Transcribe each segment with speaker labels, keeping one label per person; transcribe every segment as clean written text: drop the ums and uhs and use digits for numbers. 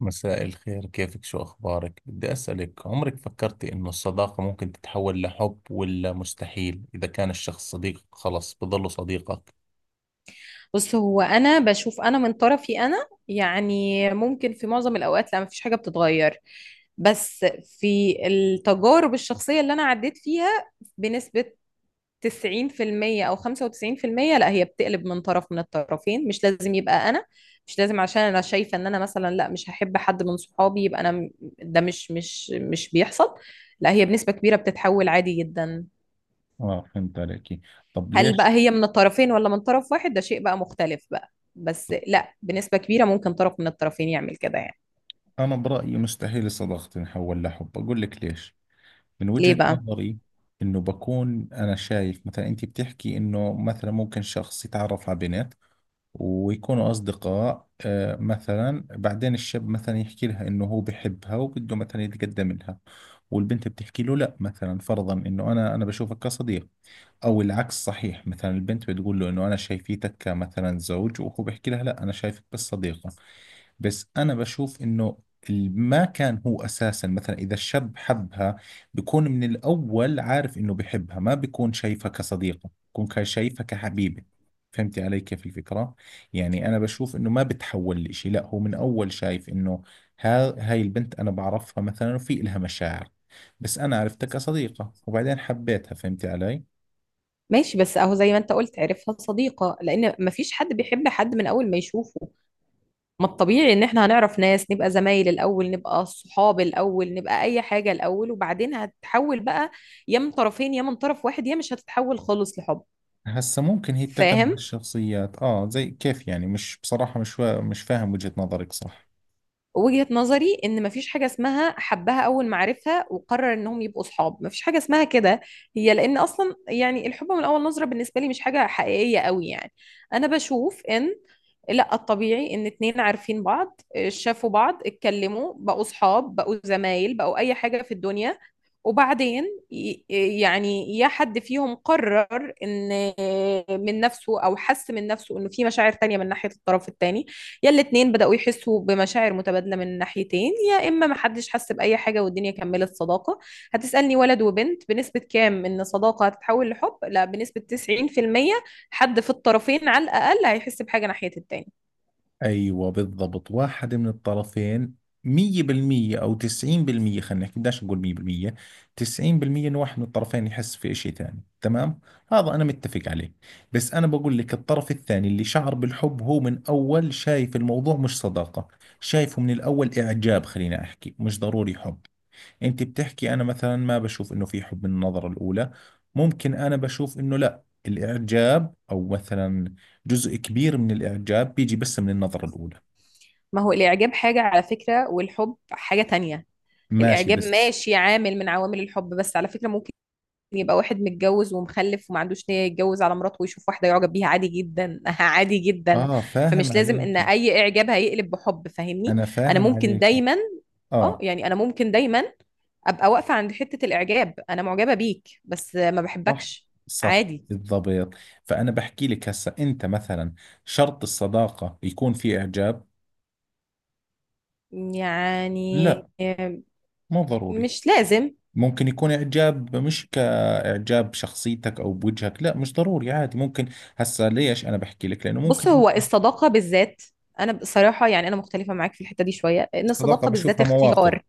Speaker 1: مساء الخير، كيفك؟ شو أخبارك؟ بدي أسألك، عمرك فكرتي إنه الصداقة ممكن تتحول لحب، ولا مستحيل إذا كان الشخص صديقك خلص بضله صديقك؟
Speaker 2: بص، هو انا بشوف من طرفي، انا يعني ممكن في معظم الاوقات لا، مفيش حاجه بتتغير. بس في التجارب الشخصيه اللي انا عديت فيها بنسبه 90% او 95%، لا، هي بتقلب من طرف، من الطرفين، مش لازم يبقى انا. مش لازم، عشان انا شايفه ان انا مثلا لا، مش هحب حد من صحابي يبقى ده مش بيحصل. لا، هي بنسبه كبيره بتتحول عادي جدا.
Speaker 1: آه، فهمت عليك. طب
Speaker 2: هل بقى
Speaker 1: ليش؟
Speaker 2: هي من الطرفين ولا من طرف واحد، ده شيء بقى مختلف بقى، بس لا، بنسبة كبيرة ممكن طرف من الطرفين يعمل كده يعني.
Speaker 1: أنا برأيي مستحيل الصداقة تنحول لحب. أقول لك ليش، من
Speaker 2: ليه
Speaker 1: وجهة
Speaker 2: بقى؟
Speaker 1: نظري. إنه بكون أنا شايف مثلا، أنت بتحكي إنه مثلا ممكن شخص يتعرف على بنت ويكونوا أصدقاء، آه، مثلا بعدين الشاب مثلا يحكي لها إنه هو بحبها وبده مثلا يتقدم لها، والبنت بتحكي له لا، مثلا فرضا، إنه أنا بشوفك كصديق. أو العكس صحيح، مثلا البنت بتقول له إنه أنا شايفيتك كمثلا زوج، وهو بيحكي لها لا أنا شايفك بس صديقة. بس انا بشوف انه ما كان هو اساسا، مثلا اذا الشاب حبها بيكون من الاول عارف انه بحبها، ما بيكون شايفها كصديقة، بيكون شايفها كحبيبة. فهمتي علي كيف الفكرة؟ يعني انا بشوف انه ما بتحول لإشي، لا هو من اول شايف انه ها هاي البنت انا بعرفها مثلا وفي إلها مشاعر، بس انا عرفتها كصديقة وبعدين حبيتها. فهمتي علي؟
Speaker 2: ماشي، بس اهو زي ما انت قلت، عرفها صديقة، لان مفيش حد بيحب حد من اول ما يشوفه. ما الطبيعي ان احنا هنعرف ناس، نبقى زمايل الاول، نبقى صحاب الاول، نبقى اي حاجة الاول، وبعدين هتتحول بقى، يا من طرفين يا من طرف واحد، يا مش هتتحول خالص لحب.
Speaker 1: هسا ممكن هي بتعتمد على
Speaker 2: فاهم.
Speaker 1: الشخصيات، زي كيف يعني. مش بصراحة، مش فاهم وجهة نظرك صح؟
Speaker 2: وجهة نظري ان مفيش حاجة اسمها حبها اول ما عرفها وقرر انهم يبقوا صحاب، مفيش حاجة اسمها كده. هي لان اصلا يعني الحب من اول نظرة بالنسبة لي مش حاجة حقيقية قوي يعني. انا بشوف ان لا، الطبيعي ان اتنين عارفين بعض، شافوا بعض، اتكلموا، بقوا صحاب، بقوا زمايل، بقوا اي حاجة في الدنيا، وبعدين ي- يعني يا حد فيهم قرر ان، من نفسه، او حس من نفسه انه في مشاعر تانية من ناحية الطرف التاني، يا الاتنين بدأوا يحسوا بمشاعر متبادلة من ناحيتين، يا إما محدش حس بأي حاجة والدنيا كملت صداقة. هتسألني ولد وبنت بنسبة كام إن صداقة هتتحول لحب؟ لا، بنسبة 90% حد في الطرفين على الأقل هيحس بحاجة ناحية التاني.
Speaker 1: ايوه بالضبط، واحد من الطرفين. مية بالمية او تسعين بالمية، خلينا نحكي بدناش نقول مية بالمية، تسعين بالمية انه واحد من الطرفين يحس في اشي ثاني. تمام، هذا انا متفق عليه. بس انا بقول لك الطرف الثاني اللي شعر بالحب هو من اول شايف الموضوع مش صداقة، شايفه من الاول اعجاب، خلينا احكي مش ضروري حب. انت بتحكي انا مثلا ما بشوف انه في حب من النظرة الاولى، ممكن انا بشوف انه لا، الاعجاب او مثلا جزء كبير من الاعجاب بيجي بس من النظرة الاولى.
Speaker 2: ما هو الإعجاب حاجة على فكرة والحب حاجة تانية.
Speaker 1: ماشي
Speaker 2: الإعجاب
Speaker 1: بس،
Speaker 2: ماشي، عامل من عوامل الحب، بس على فكرة ممكن يبقى واحد متجوز ومخلف وما عندوش نية يتجوز على مراته ويشوف واحدة يعجب بيها عادي جدا، عادي جدا.
Speaker 1: اه فاهم
Speaker 2: فمش لازم ان
Speaker 1: عليكي.
Speaker 2: اي اعجاب هيقلب بحب، فاهمني.
Speaker 1: انا
Speaker 2: انا
Speaker 1: فاهم
Speaker 2: ممكن
Speaker 1: عليكي.
Speaker 2: دايما، اه
Speaker 1: اه
Speaker 2: يعني انا ممكن دايما ابقى واقفة عند حتة الاعجاب، انا معجبة بيك بس ما
Speaker 1: صح.
Speaker 2: بحبكش.
Speaker 1: صح
Speaker 2: عادي
Speaker 1: بالضبط. فانا بحكي لك هسه، انت مثلا شرط الصداقة يكون في اعجاب؟
Speaker 2: يعني،
Speaker 1: لا، مو ضروري.
Speaker 2: مش لازم.
Speaker 1: ممكن يكون إعجاب مش كإعجاب بشخصيتك أو بوجهك، لا مش ضروري، عادي ممكن. هسا ليش أنا بحكي لك؟ لأنه
Speaker 2: بص،
Speaker 1: ممكن
Speaker 2: هو الصداقة بالذات انا بصراحة يعني انا مختلفة معاك في الحتة دي شوية، ان
Speaker 1: الصداقة
Speaker 2: الصداقة بالذات
Speaker 1: بشوفها مواقف.
Speaker 2: اختيار.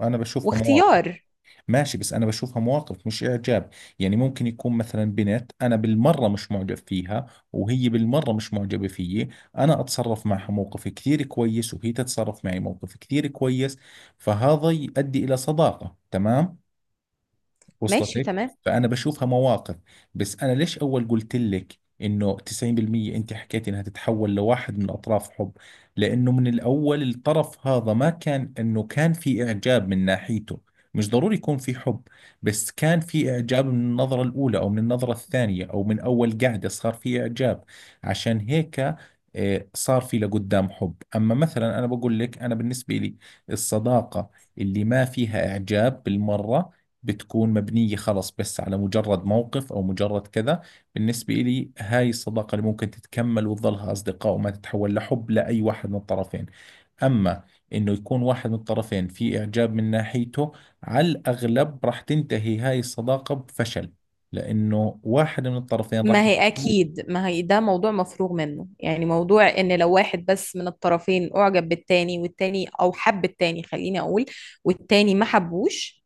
Speaker 1: أنا بشوفها مواقف.
Speaker 2: واختيار.
Speaker 1: ماشي، بس أنا بشوفها مواقف مش إعجاب. يعني ممكن يكون مثلا بنت أنا بالمرة مش معجب فيها، وهي بالمرة مش معجبة فيي. أنا أتصرف معها موقف كثير كويس، وهي تتصرف معي موقف كثير كويس، فهذا يؤدي إلى صداقة. تمام،
Speaker 2: ماشي،
Speaker 1: وصلتك؟
Speaker 2: تمام.
Speaker 1: فانا بشوفها مواقف. بس انا ليش اول قلت لك انه 90%؟ انت حكيت انها تتحول لواحد من اطراف حب، لانه من الاول الطرف هذا ما كان انه كان في اعجاب من ناحيته، مش ضروري يكون في حب، بس كان في اعجاب من النظرة الاولى او من النظرة الثانية او من اول قعدة صار في اعجاب، عشان هيك آه، صار في لقدام حب. اما مثلا انا بقول لك انا بالنسبة لي، الصداقة اللي ما فيها اعجاب بالمرة بتكون مبنية خلص بس على مجرد موقف أو مجرد كذا. بالنسبة إلي، هاي الصداقة اللي ممكن تتكمل وتظلها أصدقاء وما تتحول لحب لأي واحد من الطرفين. أما إنه يكون واحد من الطرفين في إعجاب من ناحيته، على الأغلب راح تنتهي هاي الصداقة بفشل، لأنه واحد من الطرفين راح
Speaker 2: ما هي
Speaker 1: يحبه،
Speaker 2: أكيد، ما هي ده موضوع مفروغ منه يعني. موضوع إن لو واحد بس من الطرفين أعجب بالتاني، والتاني أو حب التاني خليني أقول، والتاني ما حبوش،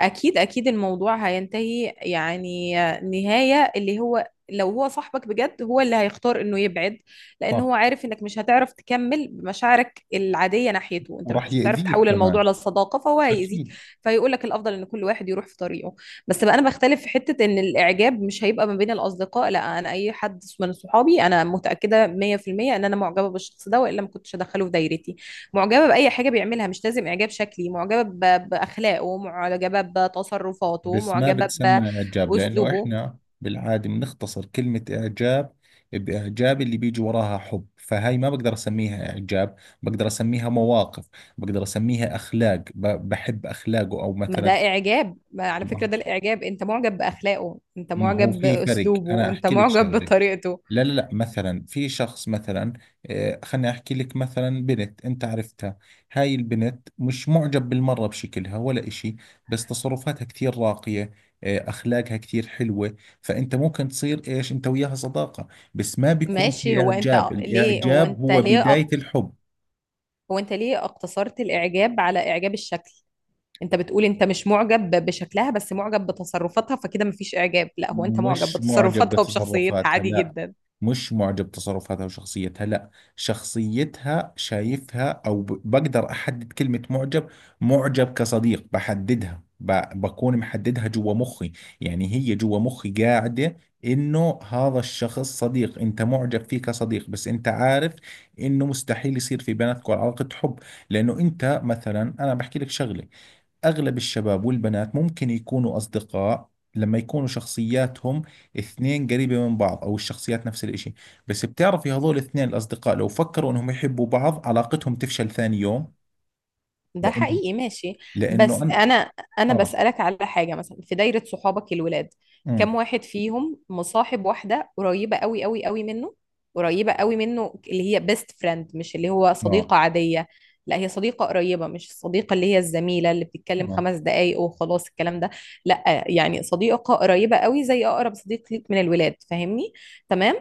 Speaker 2: اكيد اكيد الموضوع هينتهي يعني. نهاية اللي هو لو هو صاحبك بجد، هو اللي هيختار انه يبعد، لان هو
Speaker 1: آه،
Speaker 2: عارف انك مش هتعرف تكمل بمشاعرك العادية ناحيته، انت
Speaker 1: وراح
Speaker 2: مش هتعرف
Speaker 1: يأذيك
Speaker 2: تحول الموضوع
Speaker 1: كمان.
Speaker 2: لصداقة، فهو هيأذيك.
Speaker 1: أكيد.
Speaker 2: فيقول لك الافضل ان كل واحد يروح في طريقه. بس بقى انا بختلف في حتة ان الاعجاب مش هيبقى ما بين الاصدقاء. لا، انا اي حد من صحابي انا متأكدة 100% ان انا معجبة بالشخص ده، والا ما كنتش ادخله في دايرتي. معجبة بأي حاجة بيعملها، مش لازم إعجاب شكلي، معجبة بأخلاقه، معجبة بتصرفاته،
Speaker 1: بس ما
Speaker 2: معجبة
Speaker 1: بتسمى إعجاب، لأنه
Speaker 2: بأسلوبه.
Speaker 1: إحنا بالعادة بنختصر كلمة إعجاب بإعجاب اللي بيجي وراها حب، فهاي ما بقدر أسميها إعجاب، بقدر أسميها مواقف، بقدر أسميها أخلاق، بحب أخلاقه أو
Speaker 2: ما ده
Speaker 1: مثلا.
Speaker 2: إعجاب، ما على فكرة
Speaker 1: ما
Speaker 2: ده الإعجاب. أنت معجب بأخلاقه، أنت
Speaker 1: ما هو
Speaker 2: معجب
Speaker 1: في فرق، أنا
Speaker 2: بأسلوبه، أنت
Speaker 1: أحكي لك
Speaker 2: معجب
Speaker 1: شغلة.
Speaker 2: بطريقته.
Speaker 1: لا لا لا، مثلا في شخص مثلا آه، خليني احكي لك. مثلا بنت انت عرفتها، هاي البنت مش معجب بالمرة بشكلها ولا اشي، بس تصرفاتها كثير راقية آه، اخلاقها كثير حلوة، فانت ممكن تصير ايش انت وياها صداقة، بس ما بيكون
Speaker 2: ماشي،
Speaker 1: في اعجاب. الاعجاب هو بداية الحب.
Speaker 2: هو أنت ليه اقتصرت الإعجاب على إعجاب الشكل؟ أنت بتقول أنت مش معجب بشكلها بس معجب بتصرفاتها، فكده مفيش إعجاب؟ لا، هو أنت معجب
Speaker 1: مش معجب
Speaker 2: بتصرفاتها وبشخصيتها
Speaker 1: بتصرفاتها،
Speaker 2: عادي
Speaker 1: لا.
Speaker 2: جدا.
Speaker 1: مش معجب بتصرفاتها وشخصيتها، لا. شخصيتها شايفها، أو بقدر أحدد كلمة معجب. معجب كصديق، بحددها بكون محددها جوا مخي. يعني هي جوا مخي قاعدة إنه هذا الشخص صديق أنت معجب فيه كصديق، بس أنت عارف إنه مستحيل يصير في بيناتكم علاقة حب. لأنه أنت مثلا، أنا بحكي لك شغلة، أغلب الشباب والبنات ممكن يكونوا أصدقاء لما يكونوا شخصياتهم اثنين قريبة من بعض أو الشخصيات نفس الإشي، بس بتعرفي هذول الاثنين الأصدقاء لو فكروا إنهم يحبوا بعض علاقتهم تفشل ثاني يوم.
Speaker 2: ده
Speaker 1: لأن
Speaker 2: حقيقي. ماشي،
Speaker 1: لأنه
Speaker 2: بس
Speaker 1: أنا
Speaker 2: انا
Speaker 1: آه،
Speaker 2: بسألك على حاجة، مثلا في دايرة صحابك الولاد، كم
Speaker 1: أمم.
Speaker 2: واحد فيهم مصاحب واحدة قريبة قوي قوي قوي منه؟ قريبة قوي منه، اللي هي بيست فريند، مش اللي هو
Speaker 1: آه.
Speaker 2: صديقة عادية. لا، هي صديقة قريبة، مش الصديقة اللي هي الزميلة اللي بتتكلم
Speaker 1: آه،
Speaker 2: خمس دقايق وخلاص الكلام ده، لا يعني صديقة قريبة قوي، زي أقرب صديق ليك من الولاد، فاهمني؟ تمام.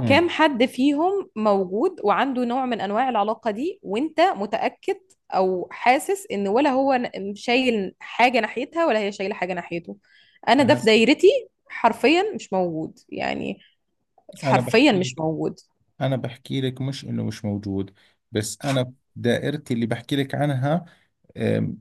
Speaker 1: أمم.
Speaker 2: حد فيهم موجود وعنده نوع من أنواع العلاقة دي، وأنت متأكد او حاسس ان، ولا هو شايل حاجه ناحيتها ولا هي شايله حاجه ناحيته؟ انا ده في
Speaker 1: أحس-
Speaker 2: دايرتي حرفيا مش موجود يعني،
Speaker 1: أنا
Speaker 2: حرفيا
Speaker 1: بحكي
Speaker 2: مش
Speaker 1: لك،
Speaker 2: موجود.
Speaker 1: أنا بحكي لك مش إنه مش موجود، بس أنا دائرتي اللي بحكي لك عنها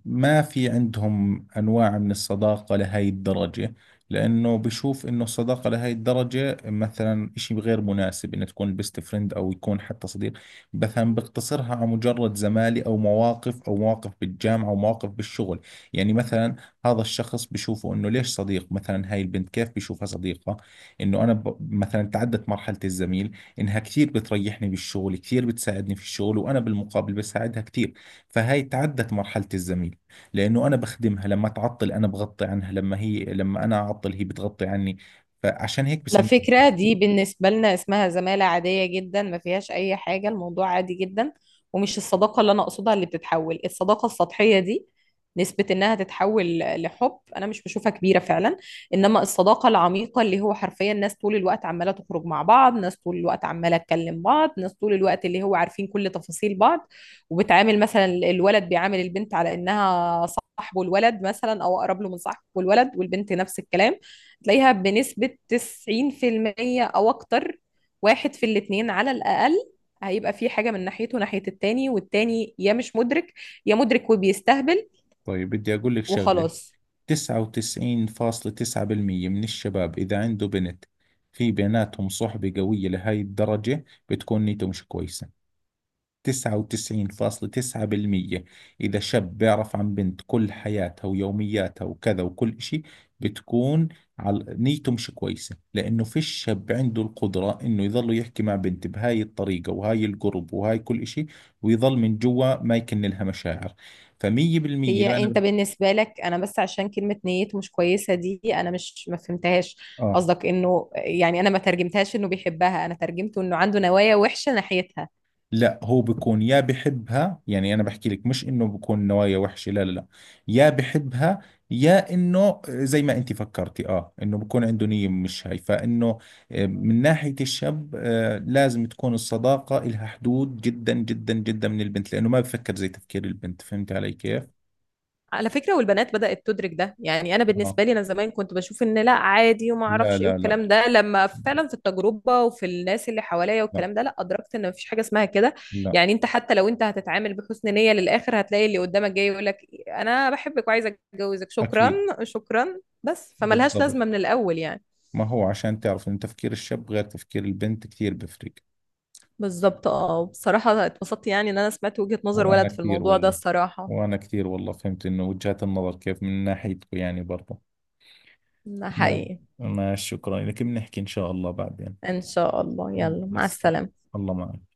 Speaker 1: ما في عندهم أنواع من الصداقة لهي الدرجة، لأنه بشوف إنه الصداقة لهي الدرجة مثلا إشي غير مناسب، إنه تكون بيست فريند أو يكون حتى صديق. مثلا بقتصرها على مجرد زمالي أو مواقف أو مواقف بالجامعة أو مواقف بالشغل. يعني مثلا هذا الشخص بشوفه إنه ليش صديق، مثلا هاي البنت كيف بشوفها صديقة؟ إنه أنا مثلا تعدت مرحلة الزميل، إنها كثير بتريحني بالشغل، كثير بتساعدني في الشغل، وأنا بالمقابل بساعدها كثير، فهاي تعدت مرحلة الزميل. لأنه أنا بخدمها لما تعطل، أنا بغطي عنها لما هي، لما أنا أعطل هي بتغطي عني، فعشان هيك
Speaker 2: على
Speaker 1: بسميها.
Speaker 2: فكرة دي بالنسبة لنا اسمها زمالة عادية جدا، ما فيهاش أي حاجة، الموضوع عادي جدا. ومش الصداقة اللي أنا أقصدها اللي بتتحول، الصداقة السطحية دي نسبة إنها تتحول لحب أنا مش بشوفها كبيرة فعلا. إنما الصداقة العميقة، اللي هو حرفيا ناس طول الوقت عمالة تخرج مع بعض، ناس طول الوقت عمالة تكلم بعض، ناس طول الوقت اللي هو عارفين كل تفاصيل بعض، وبتعامل مثلا الولد بيعامل البنت على إنها صاحبه الولد مثلا، أو أقرب له من صاحبه الولد، والبنت نفس الكلام، تلاقيها بنسبة 90% أو أكتر واحد في الاتنين على الأقل هيبقى في حاجة من ناحيته ناحية التاني، والتاني يا مش مدرك يا مدرك وبيستهبل
Speaker 1: طيب بدي أقول لك شغلة،
Speaker 2: وخلاص.
Speaker 1: 99.9% من الشباب إذا عنده بنت في بيناتهم صحبة قوية لهاي الدرجة بتكون نيته مش كويسة. 99.9% إذا شاب بيعرف عن بنت كل حياتها ويومياتها وكذا وكل إشي بتكون، على نيته مش كويسة، لأنه فيش شاب عنده القدرة إنه يظل يحكي مع بنت بهاي الطريقة وهاي القرب وهاي كل إشي ويظل من جوا ما يكن لها مشاعر. فمية بالمية
Speaker 2: هي
Speaker 1: أنا.
Speaker 2: انت بالنسبة لك، انا بس عشان كلمة نيته مش كويسة دي انا مش ما فهمتهاش،
Speaker 1: آه،
Speaker 2: قصدك انه يعني، انا ما ترجمتهاش انه بيحبها، انا ترجمته انه عنده نوايا وحشة ناحيتها.
Speaker 1: لا هو بيكون يا بحبها، يعني انا بحكي لك مش انه بكون نوايا وحشة، لا لا لا، يا بحبها، يا انه زي ما انت فكرتي اه انه بكون عنده نية مش هاي فانه آه، من ناحية الشاب آه، لازم تكون الصداقة إلها حدود جدا جدا جدا من البنت، لانه ما بفكر زي تفكير البنت. فهمت علي كيف؟
Speaker 2: على فكرة، والبنات بدأت تدرك ده. يعني أنا
Speaker 1: اه.
Speaker 2: بالنسبة لي أنا زمان كنت بشوف إن لا عادي وما
Speaker 1: لا
Speaker 2: أعرفش إيه
Speaker 1: لا لا.
Speaker 2: والكلام ده، لما فعلا في التجربة وفي الناس اللي حواليا
Speaker 1: لا.
Speaker 2: والكلام ده، لا، أدركت إن مفيش حاجة اسمها كده.
Speaker 1: لا.
Speaker 2: يعني أنت حتى لو أنت هتتعامل بحسن نية للآخر، هتلاقي اللي قدامك جاي يقول لك أنا بحبك وعايزة أتجوزك، شكرا.
Speaker 1: اكيد
Speaker 2: شكرا، بس فملهاش
Speaker 1: بالضبط.
Speaker 2: لازمة من الأول يعني.
Speaker 1: ما هو عشان تعرف انه تفكير الشاب غير تفكير البنت كثير بفرق.
Speaker 2: بالظبط. اه، بصراحة اتبسطت يعني إن أنا سمعت وجهة نظر
Speaker 1: وأنا
Speaker 2: ولد في
Speaker 1: كثير
Speaker 2: الموضوع ده
Speaker 1: والله،
Speaker 2: الصراحة.
Speaker 1: وأنا كثير والله فهمت إنه وجهات النظر كيف من ناحيتكم يعني برضه.
Speaker 2: ده
Speaker 1: ما
Speaker 2: حقيقي.
Speaker 1: ما شكرا لك، بنحكي إن شاء الله بعدين.
Speaker 2: إن شاء الله، يلا
Speaker 1: مع
Speaker 2: مع
Speaker 1: السلامة.
Speaker 2: السلامة.
Speaker 1: الله معك.